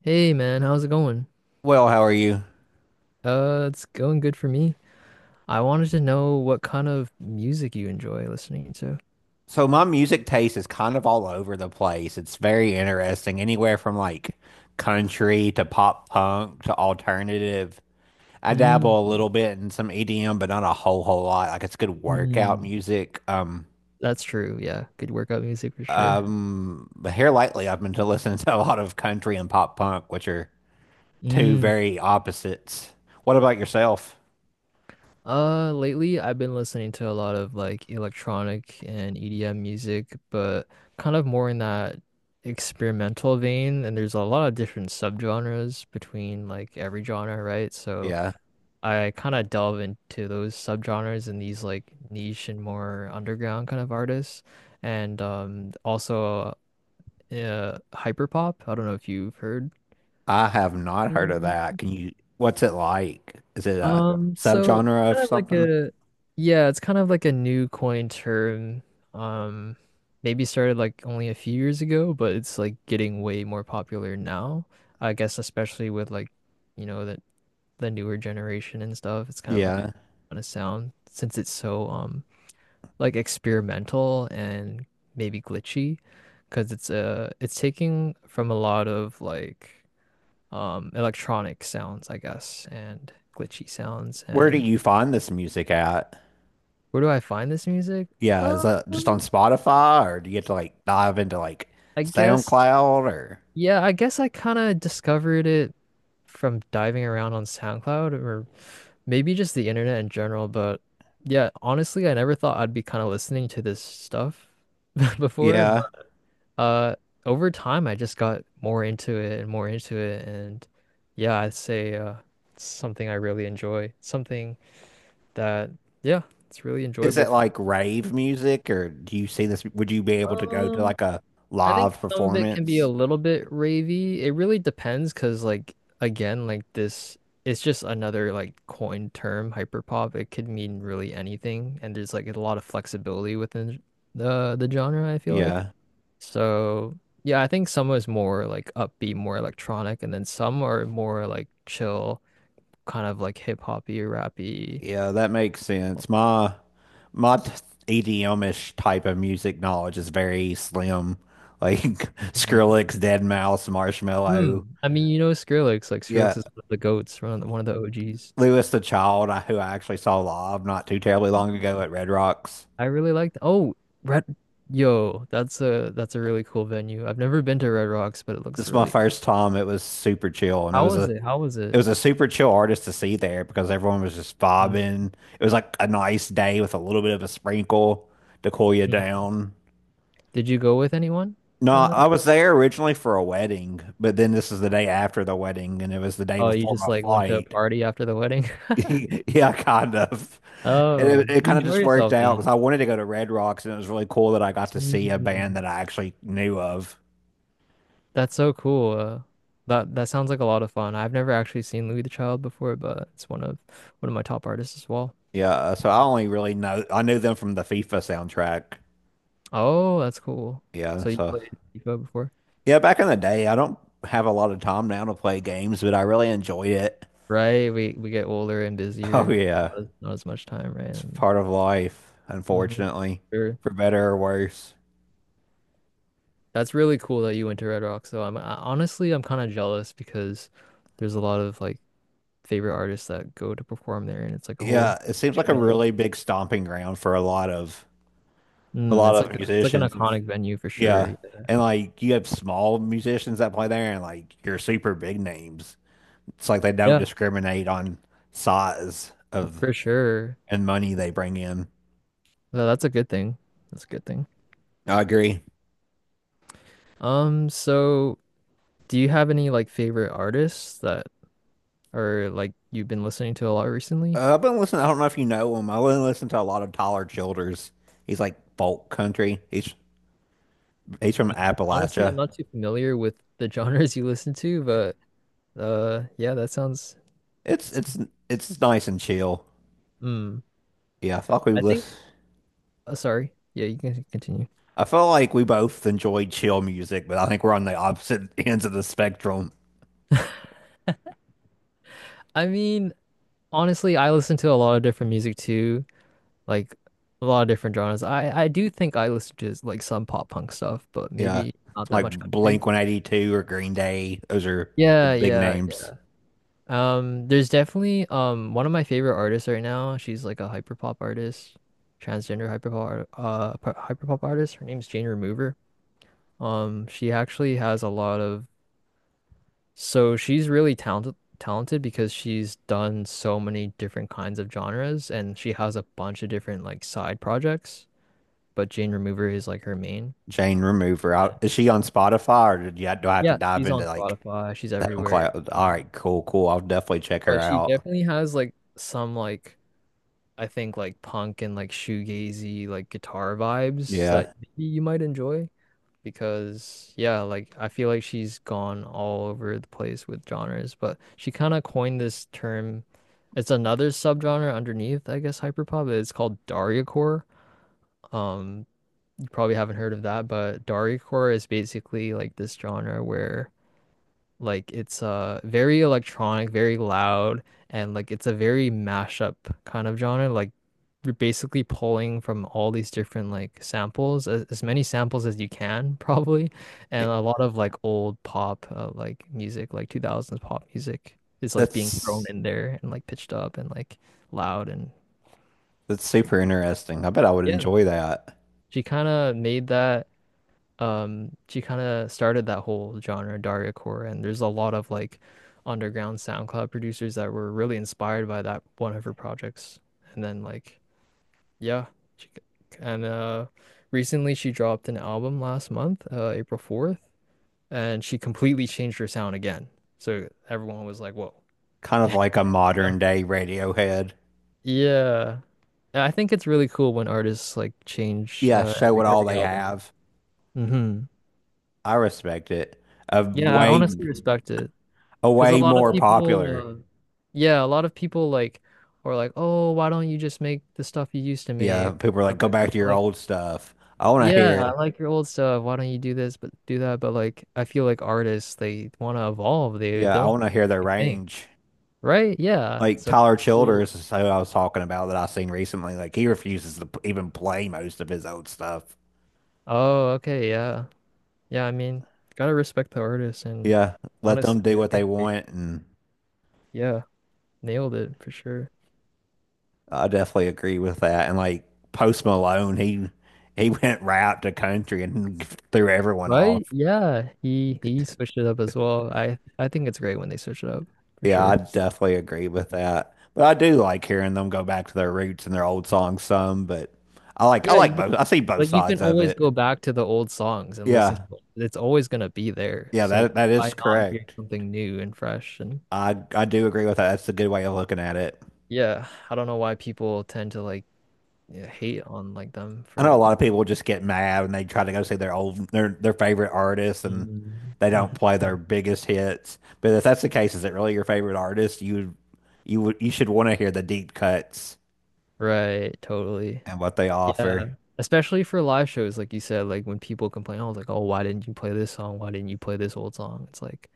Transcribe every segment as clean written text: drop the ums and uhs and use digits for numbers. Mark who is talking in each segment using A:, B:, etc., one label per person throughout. A: Hey man, how's it going?
B: Well, how are you?
A: It's going good for me. I wanted to know what kind of music you enjoy listening to.
B: So my music taste is kind of all over the place. It's very interesting, anywhere from like country to pop punk to alternative. I
A: Mm.
B: dabble a little bit in some EDM, but not a whole lot. Like it's good workout
A: Mm.
B: music.
A: That's true. Yeah, good workout music for sure.
B: But here lately I've been to listening to a lot of country and pop punk, which are two
A: Mm.
B: very opposites. What about yourself?
A: Lately I've been listening to a lot of like electronic and EDM music, but kind of more in that experimental vein. And there's a lot of different subgenres between like every genre, right? So
B: Yeah,
A: I kind of delve into those subgenres and these like niche and more underground kind of artists, and also hyperpop. I don't know if you've heard.
B: I have not heard of
A: Mhm.
B: that. Can you, what's it like? Is it a
A: So it's
B: subgenre of
A: kind of like
B: something?
A: a yeah, it's kind of like a new coin term. Um, maybe started like only a few years ago, but it's like getting way more popular now. I guess especially with like, you know, the the newer generation and stuff. It's kind of like a,
B: Yeah.
A: kind of sound since it's so like experimental and maybe glitchy because it's taking from a lot of like electronic sounds, I guess, and glitchy sounds.
B: Where do
A: And
B: you find this music at?
A: where do I find this music?
B: Yeah,
A: Uh,
B: is that just on Spotify or do you get to like dive into like
A: I guess
B: SoundCloud or
A: yeah, I guess I kind of discovered it from diving around on SoundCloud or maybe just the internet in general, but yeah, honestly, I never thought I'd be kind of listening to this stuff before.
B: yeah.
A: Uh, over time, I just got more into it and more into it, and yeah, I'd say it's something I really enjoy. Something that, yeah, it's really
B: Is
A: enjoyable
B: it
A: for me.
B: like rave music or do you see this? Would you be able to go to
A: Um,
B: like a
A: I think
B: live
A: some of it can be a
B: performance?
A: little bit ravey. It really depends, because like again, like this, it's just another like coined term, hyperpop. It could mean really anything, and there's like a lot of flexibility within the genre, I feel like.
B: Yeah.
A: So yeah, I think some is more like upbeat, more electronic, and then some are more like chill, kind of like hip hoppy, rappy.
B: Yeah, that makes sense. My t- ish type of music knowledge is very slim. Like
A: Mhm.
B: Skrillex, Dead Mouse, Marshmello.
A: Mm. I mean, you know Skrillex, like
B: Yeah.
A: Skrillex is one of the goats, one of the OGs.
B: Lewis the Child, who I actually saw live not too terribly long ago at Red Rocks.
A: I really liked. Oh, Red. Yo, that's a really cool venue. I've never been to Red Rocks, but it
B: This
A: looks
B: is my
A: really.
B: first time. It was super chill, and
A: How was it? How was it?
B: it was a super chill artist to see there because everyone was just
A: Mm.
B: vibing. It was like a nice day with a little bit of a sprinkle to cool you
A: Mm.
B: down.
A: Did you go with anyone
B: No,
A: on that?
B: I was there originally for a wedding, but then this is the day after the wedding, and it was the day
A: Oh, you
B: before
A: just
B: my
A: like went to a
B: flight.
A: party after the wedding?
B: Yeah, kind of. And
A: Oh,
B: it,
A: did
B: it
A: you
B: kind of
A: enjoy
B: just worked
A: yourself
B: out because
A: then?
B: I wanted to go to Red Rocks, and it was really cool that I got to see a band
A: Mm.
B: that I actually knew of.
A: That's so cool. That that sounds like a lot of fun. I've never actually seen Louis the Child before, but it's one of my top artists as well.
B: Yeah, so I only really know I knew them from the FIFA soundtrack.
A: Oh, that's cool.
B: Yeah,
A: So you
B: so
A: played FIFA before?
B: yeah, back in the day, I don't have a lot of time now to play games, but I really enjoyed it.
A: Right. We get older and
B: Oh
A: busier, not
B: yeah,
A: as, not as much time, right?
B: it's part of life,
A: Mm-hmm.
B: unfortunately,
A: Sure.
B: for better or worse.
A: That's really cool that you went to Red Rock. So honestly I'm kind of jealous because there's a lot of like favorite artists that go to perform there, and it's like a whole
B: Yeah, it seems like a
A: shebang.
B: really big stomping ground for a
A: Mm,
B: lot
A: it's
B: of
A: like it's like an
B: musicians.
A: iconic venue for
B: Yeah.
A: sure.
B: And like you have small musicians that play there and like your super big names. It's like they don't
A: Yeah.
B: discriminate on size of
A: For sure.
B: and money they bring in.
A: No, that's a good thing. That's a good thing.
B: I agree.
A: So do you have any like favorite artists that are like you've been listening to a lot recently?
B: I've been listening. I don't know if you know him. I've been listening to a lot of Tyler Childers. He's like folk country, he's from
A: Honestly, I'm
B: Appalachia.
A: not too familiar with the genres you listen to, but yeah, that sounds
B: It's it's nice and chill.
A: mm.
B: Yeah, I felt like we
A: I think
B: listen.
A: sorry. Yeah, you can continue.
B: I felt like we both enjoyed chill music, but I think we're on the opposite ends of the spectrum.
A: I mean, honestly, I listen to a lot of different music too, like a lot of different genres. I do think I listen to like some pop punk stuff, but
B: Yeah.
A: maybe not that
B: Like
A: much country.
B: Blink 182 or Green Day. Those are the
A: Yeah,
B: big
A: yeah,
B: names.
A: Um, There's definitely one of my favorite artists right now. She's like a hyperpop artist, transgender hyperpop art- p- hyperpop artist. Her name's Jane Remover. She actually has a lot of she's really talented because she's done so many different kinds of genres and she has a bunch of different like side projects, but Jane Remover is like her main.
B: Jane Remover.
A: And
B: Is she on Spotify or did you, do I have to
A: yeah,
B: dive
A: she's
B: into
A: on
B: like
A: Spotify, she's
B: that on
A: everywhere.
B: cloud? All
A: Um,
B: right, cool. I'll definitely check her
A: But she
B: out.
A: definitely has like some like I think like punk and like shoegazy like guitar vibes that
B: Yeah.
A: maybe you might enjoy because yeah, like I feel like she's gone all over the place with genres, but she kind of coined this term. It's another subgenre underneath, I guess, hyperpop. It's called Dariacore. Um, you probably haven't heard of that, but Dariacore is basically like this genre where like it's very electronic, very loud, and like it's a very mashup kind of genre. Like you're basically pulling from all these different like samples, as many samples as you can probably, and
B: It-
A: a lot of like old pop like music, like 2000s pop music is like being thrown
B: that's
A: in there and like pitched up and like loud and
B: that's super
A: trappy.
B: interesting. I bet I would
A: Yeah.
B: enjoy that.
A: She kind of made that. She kind of started that whole genre Dargacore and there's a lot of like underground SoundCloud producers that were really inspired by that one of her projects and then like yeah she, and recently she dropped an album last month April 4th and she completely changed her sound again, so everyone was like whoa.
B: Kind of
A: Yeah,
B: like a modern day Radiohead.
A: yeah, I think it's really cool when artists like change
B: Yeah, show what all
A: every
B: they
A: album.
B: have.
A: Hmm.
B: I respect it. A
A: Yeah, I
B: way
A: honestly respect it.
B: a
A: Because a
B: way
A: lot of
B: more popular.
A: a lot of people like are like, oh, why don't you just make the stuff you used to
B: Yeah,
A: make,
B: people are like,
A: stuff
B: go
A: like
B: back
A: that.
B: to
A: But,
B: your
A: like,
B: old stuff. I want to
A: yeah,
B: hear
A: I like your old stuff. Why don't you do this, but do that? But like, I feel like artists, they want to evolve. They
B: Yeah, I
A: don't
B: want to hear their
A: think,
B: range.
A: right? Yeah.
B: Like
A: So,
B: Tyler
A: cool.
B: Childers is who I was talking about that I seen recently. Like he refuses to even play most of his old stuff.
A: Oh, okay, yeah, yeah. I mean, gotta respect the artists, and
B: Yeah, let
A: honestly,
B: them do
A: I
B: what they
A: think they,
B: want, and
A: yeah, nailed it for sure.
B: I definitely agree with that. And like Post Malone, he went right out to country and threw everyone off.
A: Right? Yeah, he switched it up as well. I think it's great when they switch it up for
B: Yeah, I
A: sure.
B: definitely agree with that. But I do like hearing them go back to their roots and their old songs some. But I
A: Yeah,
B: like
A: you can-
B: both. I see both
A: like you can
B: sides of
A: always
B: it.
A: go back to the old songs and listen
B: Yeah,
A: to it. It's always gonna be there.
B: yeah,
A: So
B: that that is
A: why not hear
B: correct.
A: something new and fresh? And
B: I do agree with that. That's a good way of looking at it.
A: yeah, I don't know why people tend to like yeah, hate on like them
B: I
A: for
B: know a
A: like
B: lot of people just get mad and they try to go see their favorite artists and
A: mm.
B: they don't
A: Mhm.
B: play their biggest hits. But if that's the case, is it really your favorite artist? You should want to hear the deep cuts
A: Right, totally.
B: and what they
A: Yeah.
B: offer.
A: Especially for live shows, like you said, like when people complain, I was like, oh, why didn't you play this song? Why didn't you play this old song? It's like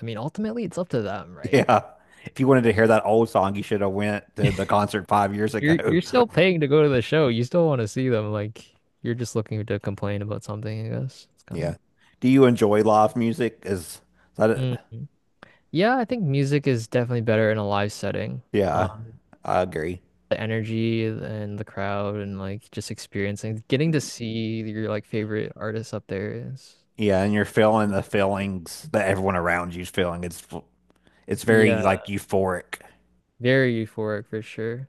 A: I mean, ultimately, it's up to them, right?
B: Yeah. If you wanted to hear that old song, you should have went to the concert 5 years
A: You're
B: ago.
A: you're still paying to go to the show. You still want to see them. Like you're just looking to complain about something, I guess. It's kind of.
B: Yeah. Do you enjoy live music? Is that a,
A: Mhm. Yeah, I think music is definitely better in a live setting.
B: yeah,
A: Um,
B: I agree.
A: the energy and the crowd and like just experiencing, getting to see your like favorite artists up there is,
B: Yeah, and you're feeling the feelings that everyone around you's feeling. It's very
A: yeah,
B: like euphoric.
A: very euphoric for sure.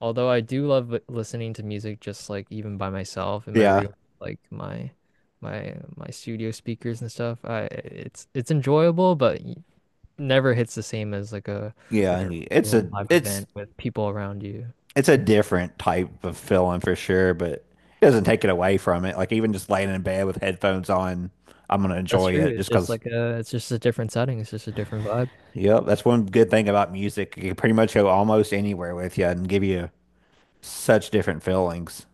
A: Although I do love listening to music just like even by myself in my
B: Yeah,
A: room, like my studio speakers and stuff. I it's enjoyable, but never hits the same as like
B: yeah.
A: a real live
B: It's
A: event with people around you.
B: it's a different type of feeling for sure, but it doesn't take it away from it. Like even just laying in bed with headphones on, I'm gonna
A: That's
B: enjoy
A: true.
B: it
A: It's
B: just
A: just
B: 'cause.
A: like a it's just a different setting. It's just a different vibe.
B: Yep, that's one good thing about music. You can pretty much go almost anywhere with you and give you such different feelings.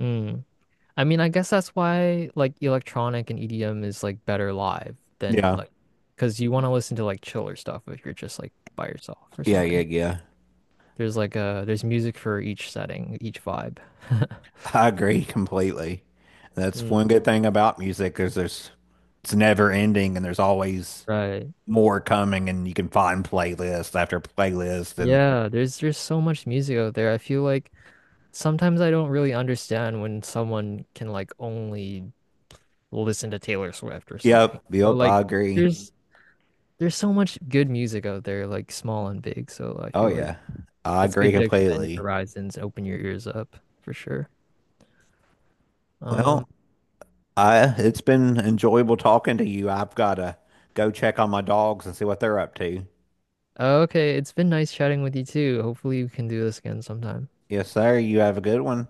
A: Mm. I mean, I guess that's why like electronic and EDM is like better live than
B: Yeah,
A: like because you want to listen to like chiller stuff if you're just like by yourself or
B: yeah.
A: something.
B: yeah.
A: There's like a there's music for each setting, each vibe.
B: I agree completely. That's
A: Mm.
B: one good thing about music is there's it's never ending and there's always
A: Right.
B: more coming and you can find playlist after playlist and
A: Yeah, there's so much music out there. I feel like sometimes I don't really understand when someone can like only listen to Taylor Swift or something. Or
B: yep,
A: like
B: I agree.
A: there's there's so much good music out there, like small and big. So I
B: Oh
A: feel like
B: yeah. I
A: it's good
B: agree
A: to expand your
B: completely.
A: horizons and open your ears up for sure. Um,
B: Well, I it's been enjoyable talking to you. I've got to go check on my dogs and see what they're up to.
A: okay, it's been nice chatting with you too. Hopefully we can do this again sometime.
B: Yes, sir. You have a good one.